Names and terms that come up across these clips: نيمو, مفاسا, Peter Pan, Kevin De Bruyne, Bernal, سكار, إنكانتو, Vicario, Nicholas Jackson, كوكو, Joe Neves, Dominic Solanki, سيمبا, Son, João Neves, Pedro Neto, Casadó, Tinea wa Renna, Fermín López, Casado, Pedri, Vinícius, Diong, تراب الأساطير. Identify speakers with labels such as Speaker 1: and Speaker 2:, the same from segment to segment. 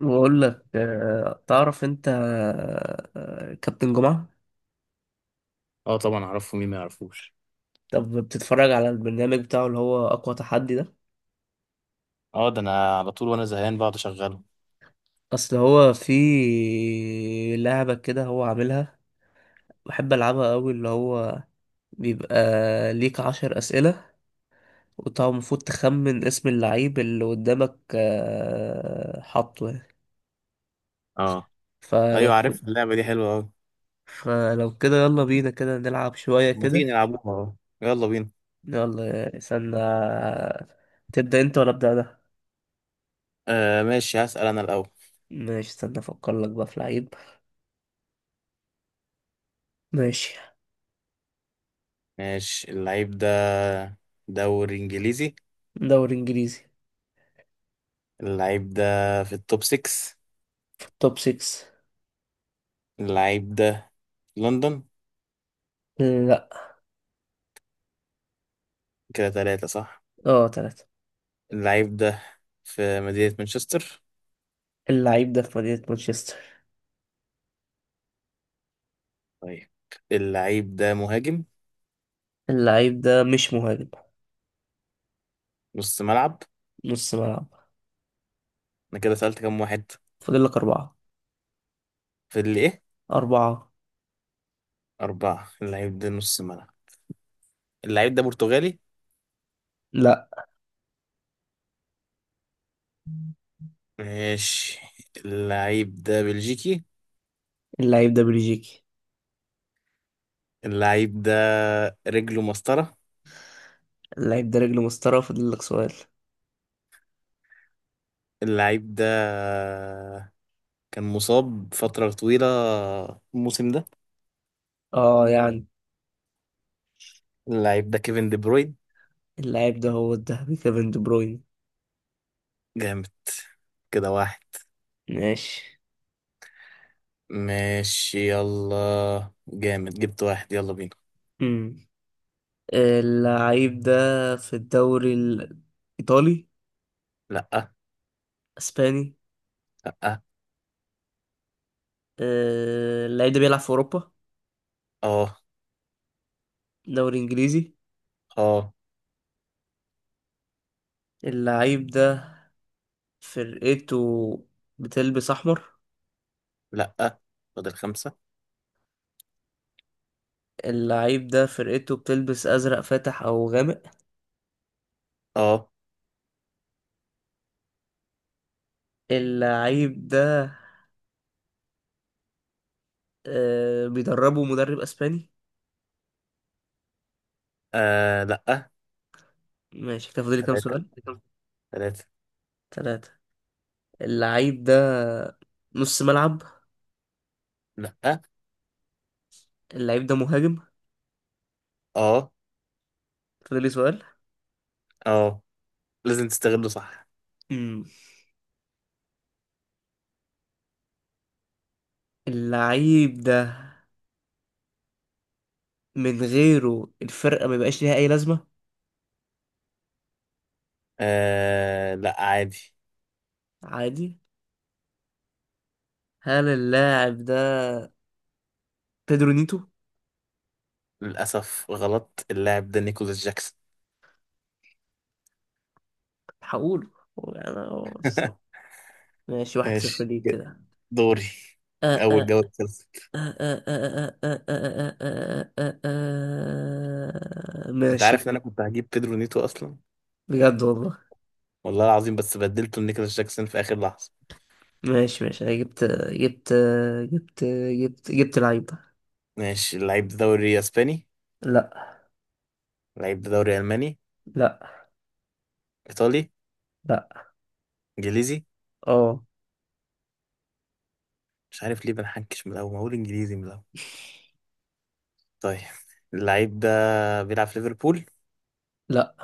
Speaker 1: بقول لك تعرف انت. كابتن جمعة.
Speaker 2: اه، طبعا اعرفه، مين ما يعرفوش.
Speaker 1: طب بتتفرج على البرنامج بتاعه اللي هو اقوى تحدي ده.
Speaker 2: اه ده انا على طول وانا زهقان بقعد اشغله.
Speaker 1: اصل هو في لعبة كده هو عاملها بحب العبها قوي اللي هو بيبقى ليك 10 اسئلة، وانت المفروض تخمن اسم اللعيب اللي قدامك حاطه يعني.
Speaker 2: اه
Speaker 1: فلو
Speaker 2: ايوه عارف اللعبه دي حلوه قوي.
Speaker 1: فلو كده يلا بينا كده نلعب شوية
Speaker 2: ما تيجي
Speaker 1: كده.
Speaker 2: نلعبوها؟ اه يلا بينا.
Speaker 1: يلا استنى. تبدأ انت ولا ابدأ انا؟
Speaker 2: آه ماشي، هسأل انا الاول.
Speaker 1: ماشي استنى افكر لك بقى في لعيب. ماشي.
Speaker 2: ماشي. اللعيب ده دوري انجليزي.
Speaker 1: دوري انجليزي.
Speaker 2: اللعيب ده في التوب 6.
Speaker 1: في التوب 6.
Speaker 2: اللعيب ده في لندن.
Speaker 1: لا.
Speaker 2: كده ثلاثة صح.
Speaker 1: اه، تلاتة.
Speaker 2: اللعيب ده في مدينة مانشستر.
Speaker 1: اللعيب ده في مدينة مانشستر.
Speaker 2: طيب، اللعيب ده مهاجم؟
Speaker 1: اللعيب ده مش مهاجم.
Speaker 2: نص ملعب.
Speaker 1: نص ملعب.
Speaker 2: انا كده سألت كام واحد؟
Speaker 1: فاضل لك أربعة.
Speaker 2: في اللي ايه.
Speaker 1: أربعة.
Speaker 2: أربعة. اللعيب ده نص ملعب. اللعيب ده برتغالي.
Speaker 1: لا.
Speaker 2: ماشي. اللعيب ده بلجيكي.
Speaker 1: اللعيب ده بلجيكي.
Speaker 2: اللعيب ده رجله مسطرة.
Speaker 1: اللعيب ده رجل مسطرة، فاضل لك سؤال.
Speaker 2: اللعيب ده كان مصاب فترة طويلة الموسم ده.
Speaker 1: اه يعني.
Speaker 2: اللعيب ده كيفن دي بروين.
Speaker 1: اللعيب ده هو الذهبي كيفن دي بروين.
Speaker 2: جامد. كده واحد.
Speaker 1: ماشي.
Speaker 2: ماشي يلا، جامد جبت واحد، يلا بينا.
Speaker 1: امم اللعيب ده في الدوري الإيطالي.
Speaker 2: لأ.
Speaker 1: أسباني.
Speaker 2: لأ.
Speaker 1: اللعيب ده بيلعب في أوروبا.
Speaker 2: اه.
Speaker 1: دوري إنجليزي.
Speaker 2: اه.
Speaker 1: اللعيب ده فرقته بتلبس أحمر.
Speaker 2: لأ. فاضل خمسة.
Speaker 1: اللعيب ده فرقته بتلبس أزرق فاتح أو غامق.
Speaker 2: اه.
Speaker 1: اللعيب ده بيدربه مدرب أسباني.
Speaker 2: آه لأ.
Speaker 1: ماشي كده، فاضل لي كام
Speaker 2: تلاتة.
Speaker 1: سؤال؟
Speaker 2: تلاتة.
Speaker 1: ثلاثة. اللعيب ده نص ملعب.
Speaker 2: لأ.
Speaker 1: اللعيب ده مهاجم.
Speaker 2: اه.
Speaker 1: فاضل لي سؤال.
Speaker 2: اه، لازم تستغله صح.
Speaker 1: مم. اللعيب ده من غيره الفرقة ما يبقاش ليها أي لازمة.
Speaker 2: آه لا، عادي.
Speaker 1: عادي. هل اللاعب ده بيدرو نيتو؟
Speaker 2: للأسف غلط، اللاعب ده نيكولاس جاكسون.
Speaker 1: هقوله. أنا. ماشي، 1-0
Speaker 2: ماشي،
Speaker 1: ليك كده.
Speaker 2: دوري أول جولة خلصت. أنت عارف
Speaker 1: ماشي.
Speaker 2: إن أنا كنت هجيب بيدرو نيتو أصلا،
Speaker 1: بجد والله.
Speaker 2: والله العظيم، بس بدلته لنيكولاس جاكسون في آخر لحظة.
Speaker 1: ماشي ماشي، انا جبت جبت لعيبة.
Speaker 2: ماشي. اللعيب ده دوري أسباني.
Speaker 1: لا.
Speaker 2: اللعيب ده دوري ألماني.
Speaker 1: لا.
Speaker 2: إيطالي.
Speaker 1: لا.
Speaker 2: إنجليزي.
Speaker 1: اه.
Speaker 2: مش عارف ليه بنحنكش من الأول، ما أقول إنجليزي من الأول. طيب، اللعيب ده بيلعب في ليفربول.
Speaker 1: لا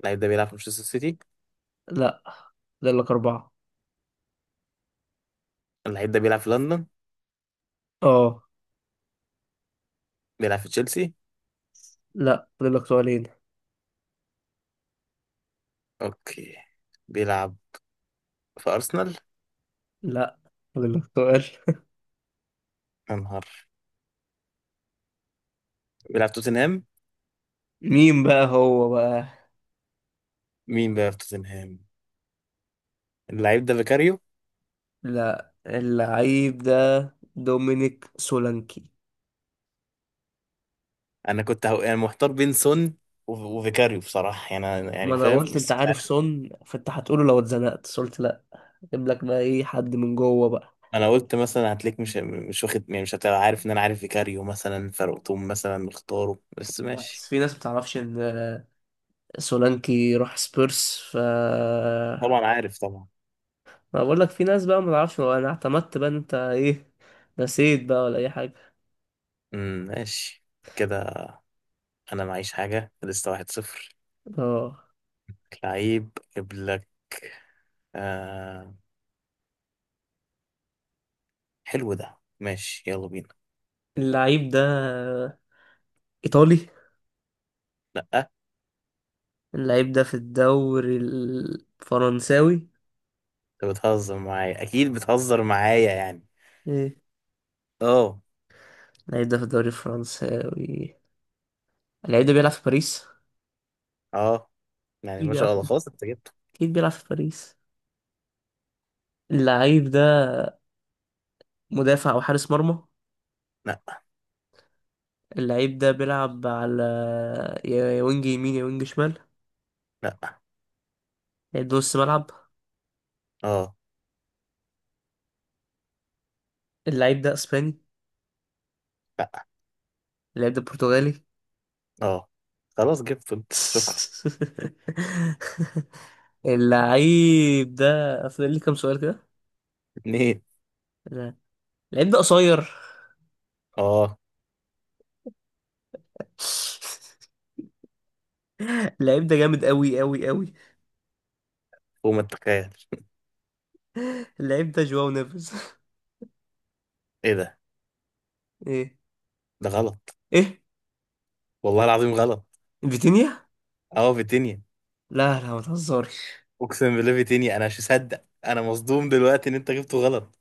Speaker 2: اللعيب ده بيلعب في مانشستر سيتي.
Speaker 1: لا، فاضل لك أربعة.
Speaker 2: اللعيب ده بيلعب في لندن.
Speaker 1: اه.
Speaker 2: بيلعب في تشيلسي.
Speaker 1: لا، فاضل لك سؤالين.
Speaker 2: أوكي، بيلعب في أرسنال.
Speaker 1: لا، فاضل لك سؤال.
Speaker 2: يا نهار، بيلعب توتنهام.
Speaker 1: مين بقى هو بقى؟
Speaker 2: مين بقى في توتنهام؟ اللعيب ده فيكاريو.
Speaker 1: لا، اللعيب ده دومينيك سولانكي.
Speaker 2: انا كنت يعني محتار بين سون و- وفيكاريو بصراحه، يعني
Speaker 1: ما
Speaker 2: يعني
Speaker 1: انا
Speaker 2: فاهم
Speaker 1: قلت انت
Speaker 2: بس مش
Speaker 1: عارف
Speaker 2: عارف.
Speaker 1: سون، فانت هتقوله لو اتزنقت، بس قلت لا. جيب لك بقى ايه حد من جوه بقى.
Speaker 2: انا قلت مثلا هتلاقيك مش واخد، يعني مش هتبقى عارف ان انا عارف فيكاريو مثلا، فرقتهم مثلا مختاره، بس ماشي.
Speaker 1: بس في ناس بتعرفش ان سولانكي راح سبيرس
Speaker 2: طبعا عارف طبعا.
Speaker 1: ما بقول لك. في ناس بقى ما تعرفش، انا اعتمدت بقى إن انت ايه، نسيت بقى ولا اي حاجه.
Speaker 2: ماشي كده. انا معيش حاجه لسه، واحد صفر.
Speaker 1: اه.
Speaker 2: لعيب اجيب لك. آه... حلو ده، ماشي يلا بينا.
Speaker 1: اللعيب ده ايطالي.
Speaker 2: لا،
Speaker 1: اللعيب ده في الدوري الفرنساوي.
Speaker 2: انت بتهزر معايا، اكيد بتهزر معايا يعني.
Speaker 1: ايه؟
Speaker 2: اه.
Speaker 1: اللعيب ده في الدوري الفرنساوي. اللعيب ده بيلعب في باريس.
Speaker 2: اه، يعني
Speaker 1: اكيد
Speaker 2: ما
Speaker 1: بيلعب
Speaker 2: شاء الله، خلاص انت جبته.
Speaker 1: اكيد بيلعب في باريس. اللعيب ده مدافع او حارس مرمى.
Speaker 2: لا.
Speaker 1: اللعيب ده بيلعب على يا وينج يمين، يا وينج شمال،
Speaker 2: لا.
Speaker 1: يا نص ملعب.
Speaker 2: اه.
Speaker 1: اللعيب ده اسباني.
Speaker 2: لا.
Speaker 1: اللعيب ده برتغالي.
Speaker 2: اه خلاص جبته انت، شكرا.
Speaker 1: اللعيب ده. فاضل لي كام سؤال كده؟
Speaker 2: اتنين.
Speaker 1: لا. اللعيب ده قصير.
Speaker 2: اه،
Speaker 1: اللعيب ده جامد قوي قوي قوي.
Speaker 2: فوق ما تتخيل.
Speaker 1: اللعيب ده جواو نيفيز.
Speaker 2: ايه ده!
Speaker 1: ايه.
Speaker 2: ده غلط،
Speaker 1: ايه.
Speaker 2: والله العظيم غلط.
Speaker 1: فيتينيا.
Speaker 2: اه فيتينيا.
Speaker 1: لا لا، ما تهزرش.
Speaker 2: اقسم بالله فيتينيا، انا مش مصدق، انا مصدوم دلوقتي ان انت جبته غلط.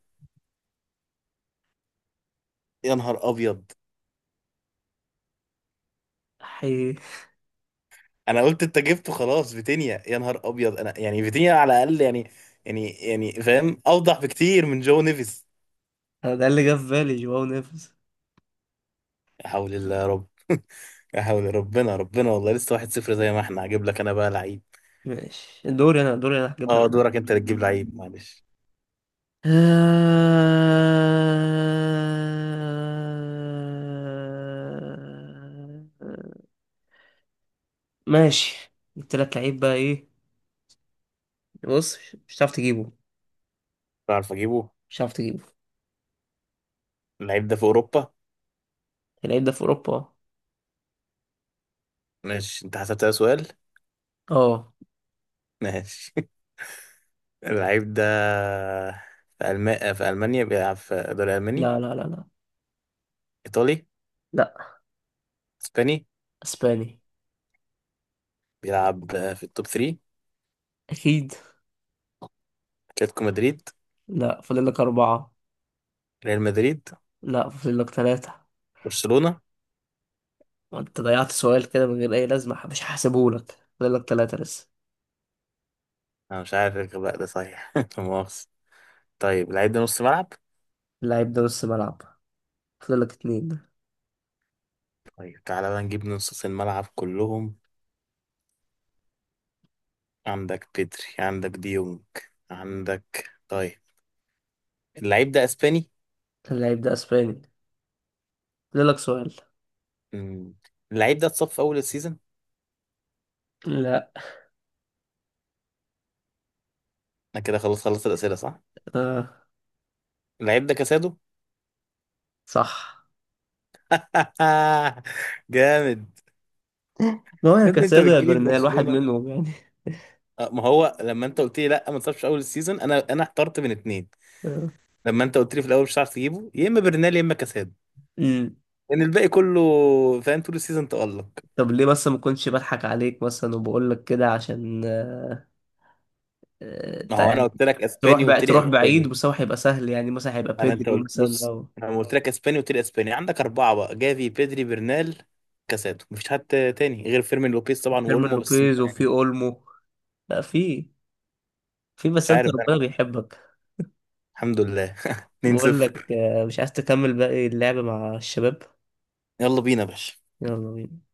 Speaker 2: يا نهار ابيض.
Speaker 1: حي.
Speaker 2: انا قلت انت جبته خلاص فيتينيا، يا نهار ابيض. انا يعني فيتينيا على الاقل، يعني فاهم، اوضح بكتير من جو نيفيز.
Speaker 1: ده اللي جه في بالي جواو نيفيز.
Speaker 2: لا حول الله يا رب. لا حول، ربنا ربنا، والله لسه واحد صفر زي ما احنا. هجيب لك انا بقى لعيب.
Speaker 1: ماشي، دوري انا، دوري انا هجيب لك.
Speaker 2: اه، دورك انت اللي تجيب لعيب، معلش.
Speaker 1: آه، ماشي، التلات لعيب بقى ايه؟ بص، مش هتعرف تجيبه.
Speaker 2: بعرف اجيبه.
Speaker 1: مش هتعرف تجيبه.
Speaker 2: اللعيب ده في اوروبا.
Speaker 1: اللعيب ده في اوروبا.
Speaker 2: ماشي، انت حسبت ده سؤال.
Speaker 1: اه.
Speaker 2: ماشي. اللعيب ده في في المانيا، بيلعب في الدوري الالماني.
Speaker 1: لا لا لا لا.
Speaker 2: ايطالي.
Speaker 1: لا.
Speaker 2: اسباني.
Speaker 1: اسباني.
Speaker 2: بيلعب في التوب 3.
Speaker 1: اكيد.
Speaker 2: اتلتيكو مدريد.
Speaker 1: لا، فاضل لك اربعة.
Speaker 2: ريال مدريد.
Speaker 1: لا، فاضل لك تلاتة.
Speaker 2: برشلونة.
Speaker 1: وانت ضيعت سؤال كده من غير اي لازمة، مش هحسبه لك. فاضل لك تلاتة لسه.
Speaker 2: انا مش عارف الغباء ده صحيح، لا مؤاخذة. طيب، اللعيب ده نص ملعب.
Speaker 1: اللعيب ده نص ملعب. فاضل لك اتنين.
Speaker 2: طيب، تعالى بقى نجيب نص الملعب كلهم. عندك بيدري، عندك ديونج، عندك طيب. اللعيب ده اسباني.
Speaker 1: اللعيب ده اسباني. فاضل لك سؤال.
Speaker 2: مم. اللعيب ده اتصاب في اول السيزون.
Speaker 1: لا.
Speaker 2: انا كده خلاص خلصت الاسئله صح.
Speaker 1: آه.
Speaker 2: اللعيب ده كاسادو.
Speaker 1: صح.
Speaker 2: جامد.
Speaker 1: ما هو يا
Speaker 2: يا ابني، انت
Speaker 1: كاسادو يا
Speaker 2: بتجيلي في
Speaker 1: برنال، واحد
Speaker 2: برشلونه.
Speaker 1: منهم يعني.
Speaker 2: آه، ما هو لما انت قلت لي لا ما اتصابش في اول السيزون، انا احترت من اتنين. لما انت قلت لي في الاول مش هتعرف تجيبه، يا اما برنال يا اما كاسادو.
Speaker 1: امم
Speaker 2: لان الباقي كله فاهم، طول السيزون تالق.
Speaker 1: طب ليه بس؟ ما كنتش بضحك عليك مثلا وبقول لك كده عشان آه،
Speaker 2: ما
Speaker 1: تع-
Speaker 2: هو انا قلت لك
Speaker 1: تروح
Speaker 2: اسباني
Speaker 1: بقى،
Speaker 2: وقلت لي
Speaker 1: تروح بعيد،
Speaker 2: اسباني.
Speaker 1: بس هو هيبقى سهل يعني، مثلا هيبقى
Speaker 2: انت
Speaker 1: بيدري
Speaker 2: قلت،
Speaker 1: مثلا
Speaker 2: بص
Speaker 1: او
Speaker 2: أنا لما قلت لك اسباني قلت لي اسباني، عندك اربعه بقى، جافي، بيدري، برنال، كاسادو. مفيش حد تاني غير فيرمين لوبيز طبعا
Speaker 1: فيرمين
Speaker 2: واولمو، بس انت
Speaker 1: لوبيز، وفي
Speaker 2: يعني
Speaker 1: اولمو. لا، في
Speaker 2: مش
Speaker 1: بس انت
Speaker 2: عارف.
Speaker 1: ربنا بيحبك.
Speaker 2: الحمد لله.
Speaker 1: بقول
Speaker 2: 2-0.
Speaker 1: لك مش عايز تكمل باقي اللعب مع الشباب؟
Speaker 2: يلا بينا يا باشا.
Speaker 1: يلا بينا.